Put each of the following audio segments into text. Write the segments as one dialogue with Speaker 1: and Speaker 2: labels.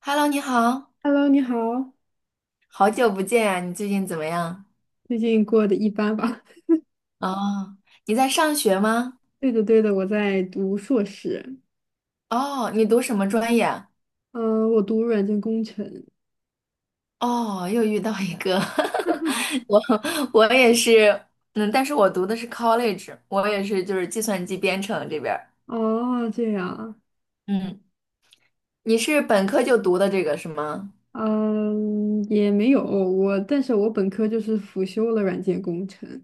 Speaker 1: Hello，你好，
Speaker 2: Hello，你好，
Speaker 1: 好久不见呀，你最近怎么样？
Speaker 2: 最近过得一般吧？
Speaker 1: 哦，你在上学吗？
Speaker 2: 对的，对的，我在读硕士。
Speaker 1: 哦，你读什么专业啊？
Speaker 2: 嗯，我读软件工程。
Speaker 1: 哦，又遇到一个，我我也是，嗯，但是我读的是 college，我也是就是计算机编程这边儿。
Speaker 2: 哦，这样。
Speaker 1: 嗯，你是本科就读的这个是吗？
Speaker 2: 嗯，也没有我，但是我本科就是辅修了软件工程，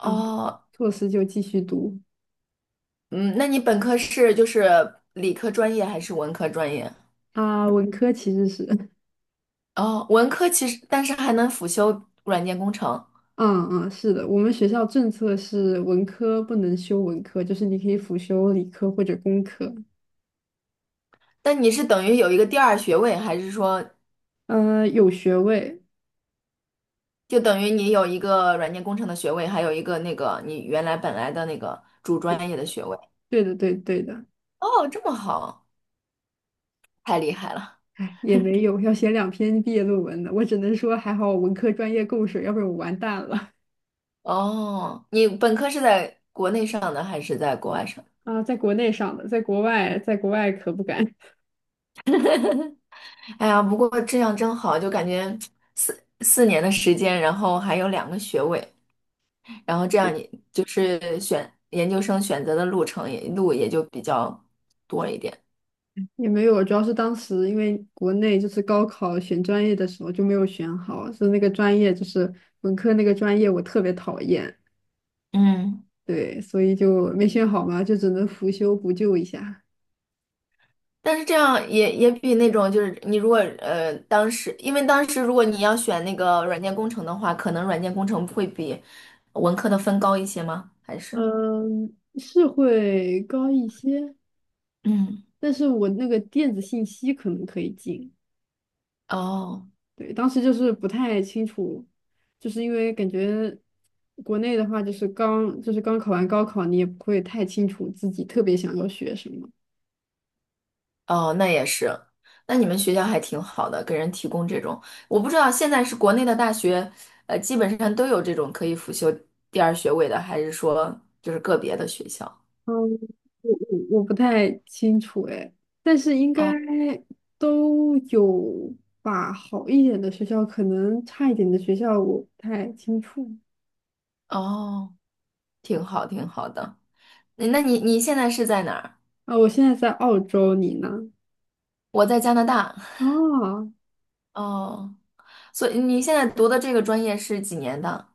Speaker 2: 然后硕士就继续读。
Speaker 1: 嗯，那你本科是就是理科专业还是文科专业？
Speaker 2: 啊，文科其实是，
Speaker 1: 哦，文科其实但是还能辅修软件工程。
Speaker 2: 嗯嗯，是的，我们学校政策是文科不能修文科，就是你可以辅修理科或者工科。
Speaker 1: 但你是等于有一个第二学位，还是说
Speaker 2: 有学位，
Speaker 1: 就等于你有一个软件工程的学位，还有一个那个你原来本来的那个主专业的学位。
Speaker 2: 对对的，对对的。
Speaker 1: 哦，这么好，太厉害了。
Speaker 2: 哎，也没有，要写2篇毕业论文的。我只能说，还好我文科专业够水，要不然我完蛋了。
Speaker 1: 哦，你本科是在国内上的还是在国外上的？
Speaker 2: 啊，在国内上的，在国外，在国外可不敢。
Speaker 1: 哎呀，不过这样真好，就感觉四年的时间，然后还有两个学位，然后这样你就是选研究生选择的路程也路也就比较多一点。
Speaker 2: 也没有，主要是当时因为国内就是高考选专业的时候就没有选好，是那个专业就是文科那个专业我特别讨厌。
Speaker 1: 嗯。
Speaker 2: 对，所以就没选好嘛，就只能辅修补救一下。
Speaker 1: 但是这样也比那种就是你如果当时，因为当时如果你要选那个软件工程的话，可能软件工程会比文科的分高一些吗？还是
Speaker 2: 嗯，是会高一些，
Speaker 1: 嗯
Speaker 2: 但是我那个电子信息可能可以进。
Speaker 1: 哦
Speaker 2: 对，当时就是不太清楚，就是因为感觉国内的话，就是刚考完高考，你也不会太清楚自己特别想要学什么。
Speaker 1: 哦，那也是，那你们学校还挺好的，给人提供这种，我不知道现在是国内的大学，呃，基本上都有这种可以辅修第二学位的，还是说就是个别的学校？
Speaker 2: 嗯，我不太清楚哎，但是应该
Speaker 1: 哦
Speaker 2: 都有吧，好一点的学校，可能差一点的学校我不太清楚。
Speaker 1: 哦，挺好挺好的。那你现在是在哪儿？
Speaker 2: 啊，我现在在澳洲，你呢？
Speaker 1: 我在加拿大。
Speaker 2: 啊，
Speaker 1: 哦。所以你现在读的这个专业是几年的？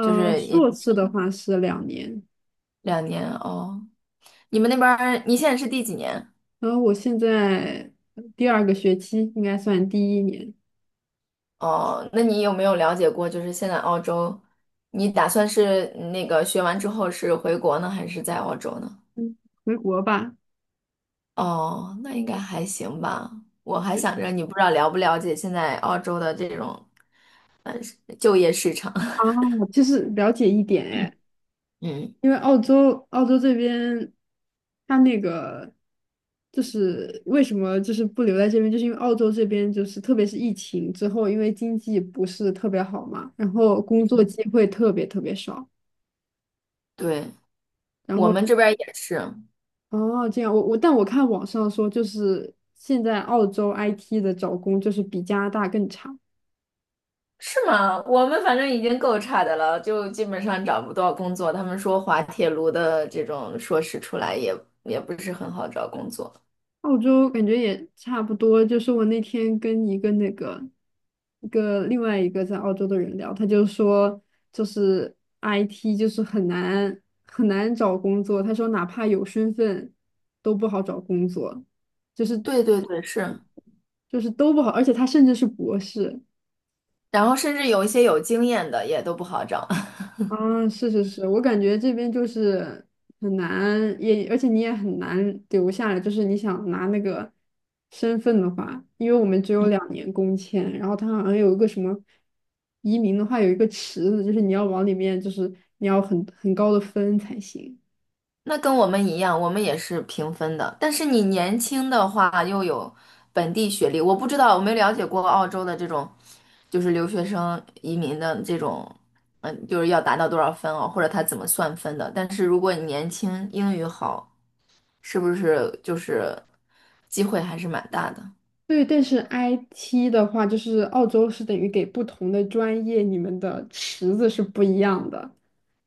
Speaker 1: 就是也
Speaker 2: 硕士的话是两年。
Speaker 1: 两年哦。你们那边儿你现在是第几年？
Speaker 2: 然后我现在第二个学期应该算第一年。
Speaker 1: 哦，那你有没有了解过？就是现在澳洲，你打算是那个学完之后是回国呢，还是在澳洲呢？
Speaker 2: 嗯，回国吧。
Speaker 1: 哦，那应该还行吧。我还想着你不知道了不了解现在澳洲的这种就业市场。
Speaker 2: 啊，就是了解一点哎，
Speaker 1: 嗯，
Speaker 2: 因为澳洲这边，它那个就是为什么就是不留在这边，就是因为澳洲这边就是特别是疫情之后，因为经济不是特别好嘛，然后工作机会特别特别少。
Speaker 1: 对，
Speaker 2: 然
Speaker 1: 我
Speaker 2: 后
Speaker 1: 们这边儿也是。
Speaker 2: 哦这样，我但我看网上说就是现在澳洲 IT 的找工就是比加拿大更差。
Speaker 1: 是吗？我们反正已经够差的了，就基本上找不到工作。他们说滑铁卢的这种硕士出来也不是很好找工作。
Speaker 2: 澳洲感觉也差不多，就是我那天跟一个那个另外一个在澳洲的人聊，他就说就是 IT 就是很难很难找工作，他说哪怕有身份都不好找工作，
Speaker 1: 对对对，是。
Speaker 2: 就是都不好，而且他甚至是博士。
Speaker 1: 然后甚至有一些有经验的也都不好找。
Speaker 2: 啊，是是是，我感觉这边就是很难，而且你也很难留下来。就是你想拿那个身份的话，因为我们只有
Speaker 1: 嗯，
Speaker 2: 两年工签，然后它好像有一个什么移民的话，有一个池子，就是你要往里面，就是你要很高的分才行。
Speaker 1: 那跟我们一样，我们也是平分的。但是你年轻的话又有本地学历，我不知道，我没了解过澳洲的这种，就是留学生移民的这种，嗯，就是要达到多少分哦，或者他怎么算分的。但是如果你年轻，英语好。是不是就是机会还是蛮大的？
Speaker 2: 对，但是 IT 的话，就是澳洲是等于给不同的专业，你们的池子是不一样的。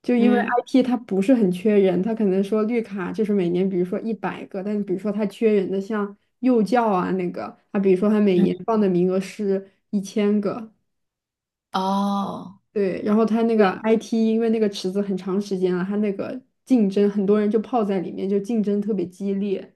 Speaker 2: 就因为
Speaker 1: 嗯
Speaker 2: IT 它不是很缺人，它可能说绿卡就是每年，比如说100个，但比如说它缺人的像幼教啊那个，它比如说它每
Speaker 1: 嗯，
Speaker 2: 年放的名额是1000个。
Speaker 1: 哦，
Speaker 2: 对，然后它那个 IT 因为那个池子很长时间了，它那个竞争很多人就泡在里面，就竞争特别激烈。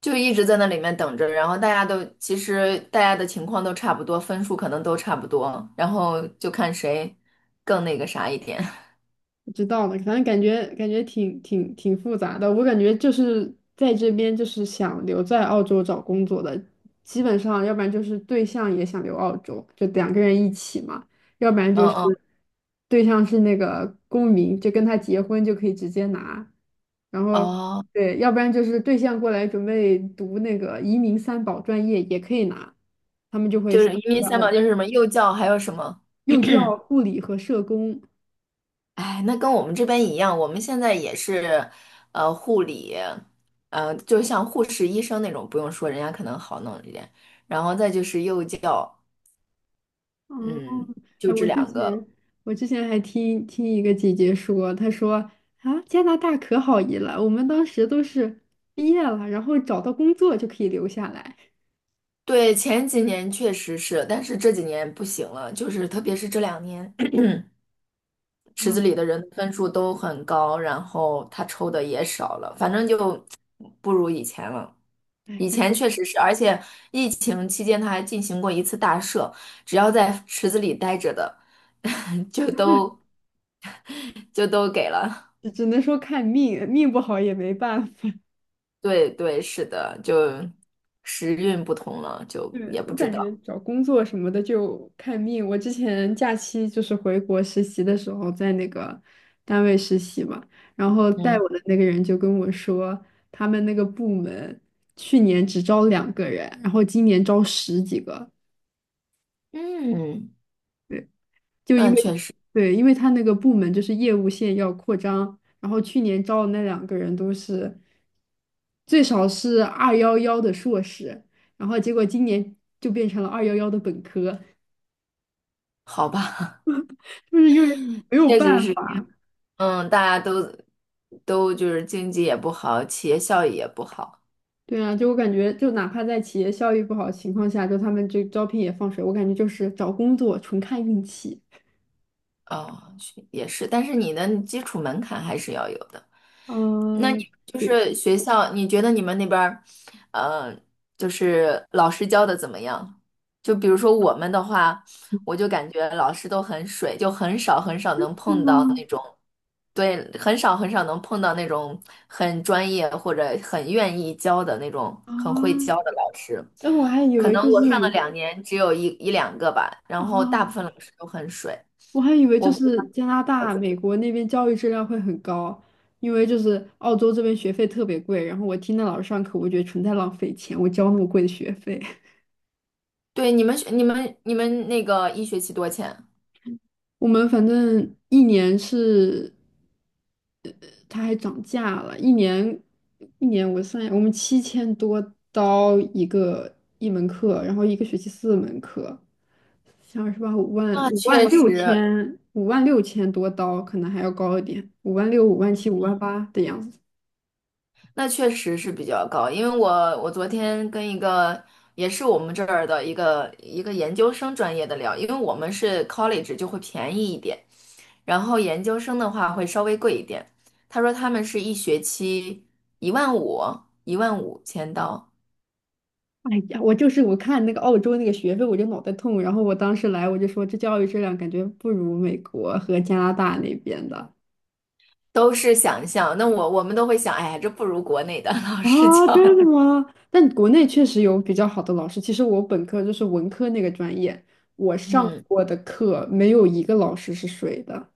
Speaker 1: 就一直在那里面等着，然后大家都其实大家的情况都差不多，分数可能都差不多，然后就看谁更那个啥一点。
Speaker 2: 不知道呢，反正感觉挺复杂的。我感觉就是在这边，就是想留在澳洲找工作的，基本上要不然就是对象也想留澳洲，就两个人一起嘛；要不然
Speaker 1: 嗯
Speaker 2: 就是
Speaker 1: 嗯，
Speaker 2: 对象是那个公民，就跟他结婚就可以直接拿。然后
Speaker 1: 哦，
Speaker 2: 对，要不然就是对象过来准备读那个移民三保专业也可以拿，他们就会
Speaker 1: 就是
Speaker 2: 想
Speaker 1: 因为
Speaker 2: 留在
Speaker 1: 三
Speaker 2: 澳
Speaker 1: 宝，
Speaker 2: 洲
Speaker 1: 就是什么幼教，还有什么？
Speaker 2: 幼教、护理和社工。
Speaker 1: 哎，那跟我们这边一样，我们现在也是，呃，护理，呃，就像护士、医生那种，不用说，人家可能好弄一点。然后再就是幼教，
Speaker 2: 哦，
Speaker 1: 嗯，就
Speaker 2: 哎，
Speaker 1: 这
Speaker 2: 我之
Speaker 1: 两
Speaker 2: 前
Speaker 1: 个。
Speaker 2: 我之前还听一个姐姐说，她说啊，加拿大可好移了，我们当时都是毕业了，然后找到工作就可以留下来。
Speaker 1: 对，前几年确实是，但是这几年不行了，就是特别是这两年，池子
Speaker 2: 啊，
Speaker 1: 里的人的分数都很高，然后他抽的也少了，反正就不如以前了。
Speaker 2: 哎，
Speaker 1: 以
Speaker 2: 感
Speaker 1: 前确实是，而且疫情期间他还进行过一次大赦，只要在池子里待着的，就都就都给了。
Speaker 2: 只能说看命，命不好也没办法。
Speaker 1: 对对，是的，就时运不同了，就
Speaker 2: 对，
Speaker 1: 也不
Speaker 2: 我
Speaker 1: 知
Speaker 2: 感觉
Speaker 1: 道。
Speaker 2: 找工作什么的就看命。我之前假期就是回国实习的时候，在那个单位实习嘛，然后带
Speaker 1: 嗯
Speaker 2: 我的那个人就跟我说，他们那个部门去年只招两个人，然后今年招十几个。
Speaker 1: 嗯，
Speaker 2: 对，就
Speaker 1: 那
Speaker 2: 因为
Speaker 1: 确实。
Speaker 2: 对，因为他那个部门就是业务线要扩张，然后去年招的那两个人都是最少是二幺幺的硕士，然后结果今年就变成了二幺幺的本科。
Speaker 1: 好吧，
Speaker 2: 就是因为没有
Speaker 1: 确实
Speaker 2: 办
Speaker 1: 是，
Speaker 2: 法。
Speaker 1: 嗯，大家都就是经济也不好，企业效益也不好，
Speaker 2: 对啊，就我感觉，就哪怕在企业效益不好的情况下，就他们这招聘也放水，我感觉就是找工作纯看运气。
Speaker 1: 哦，是也是，但是你的基础门槛还是要有的。那你
Speaker 2: 嗯，
Speaker 1: 就
Speaker 2: 对。
Speaker 1: 是学校，你觉得你们那边儿，呃，就是老师教的怎么样？就比如说我们的话，我就感觉老师都很水，就很少很少能碰到
Speaker 2: 嗯
Speaker 1: 那种，对，很少很少能碰到那种很专业或者很愿意教的那种
Speaker 2: 啊，
Speaker 1: 很会教的老师。
Speaker 2: 那我还以
Speaker 1: 可
Speaker 2: 为
Speaker 1: 能
Speaker 2: 就
Speaker 1: 我上了
Speaker 2: 是
Speaker 1: 两年，只有一两个吧，然后大部
Speaker 2: 啊，
Speaker 1: 分老师都很水。
Speaker 2: 我还以为
Speaker 1: 我
Speaker 2: 就
Speaker 1: 不知
Speaker 2: 是
Speaker 1: 道，
Speaker 2: 加拿大、美国那边教育质量会很高，因为就是澳洲这边学费特别贵。然后我听那老师上课，我觉得纯在浪费钱，我交那么贵的学费。
Speaker 1: 对，你们那个一学期多钱啊？
Speaker 2: 我们反正一年是它还涨价了，一年一年我算一下，我们7000多刀一门课，然后一个学期4门课，像是吧五万
Speaker 1: 那
Speaker 2: 五万
Speaker 1: 确
Speaker 2: 六
Speaker 1: 实，
Speaker 2: 千56000多刀，可能还要高一点，五万六5万75万8的样子。
Speaker 1: 那确实是比较高，因为我昨天跟一个也是我们这儿的一个研究生专业的聊，因为我们是 college 就会便宜一点，然后研究生的话会稍微贵一点。他说他们是一学期一万五，15000刀，
Speaker 2: 哎呀，我就是我看那个澳洲那个学费，我就脑袋痛。然后我当时来，我就说这教育质量感觉不如美国和加拿大那边的。
Speaker 1: 都是想象。那我们都会想，哎呀，这不如国内的 老
Speaker 2: 啊，
Speaker 1: 师教的。
Speaker 2: 真的吗？但国内确实有比较好的老师。其实我本科就是文科那个专业，我上
Speaker 1: 嗯，
Speaker 2: 过的课没有一个老师是水的，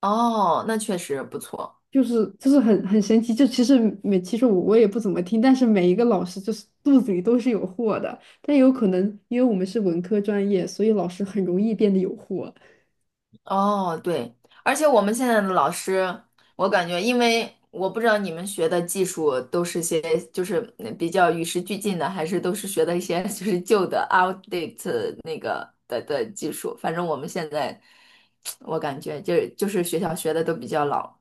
Speaker 1: 哦，那确实不错。
Speaker 2: 就是很神奇。就其实每其实我也不怎么听，但是每一个老师就是肚子里都是有货的。但有可能因为我们是文科专业，所以老师很容易变得有货。
Speaker 1: 哦，对，而且我们现在的老师，我感觉，因为我不知道你们学的技术都是些就是比较与时俱进的，还是都是学的一些 就是旧的 outdate 那个的技术。反正我们现在，我感觉就是学校学的都比较老。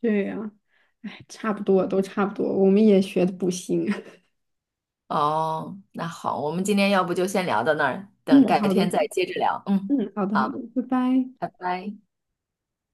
Speaker 2: 对呀，哎，差不多
Speaker 1: 嗯
Speaker 2: 都差不多，我们也学的不行。
Speaker 1: 哦，那好，我们今天要不就先聊到那儿，等
Speaker 2: 嗯，
Speaker 1: 改
Speaker 2: 好的，
Speaker 1: 天再接着聊。嗯，
Speaker 2: 嗯，好的好的，
Speaker 1: 好，
Speaker 2: 拜拜。
Speaker 1: 拜拜。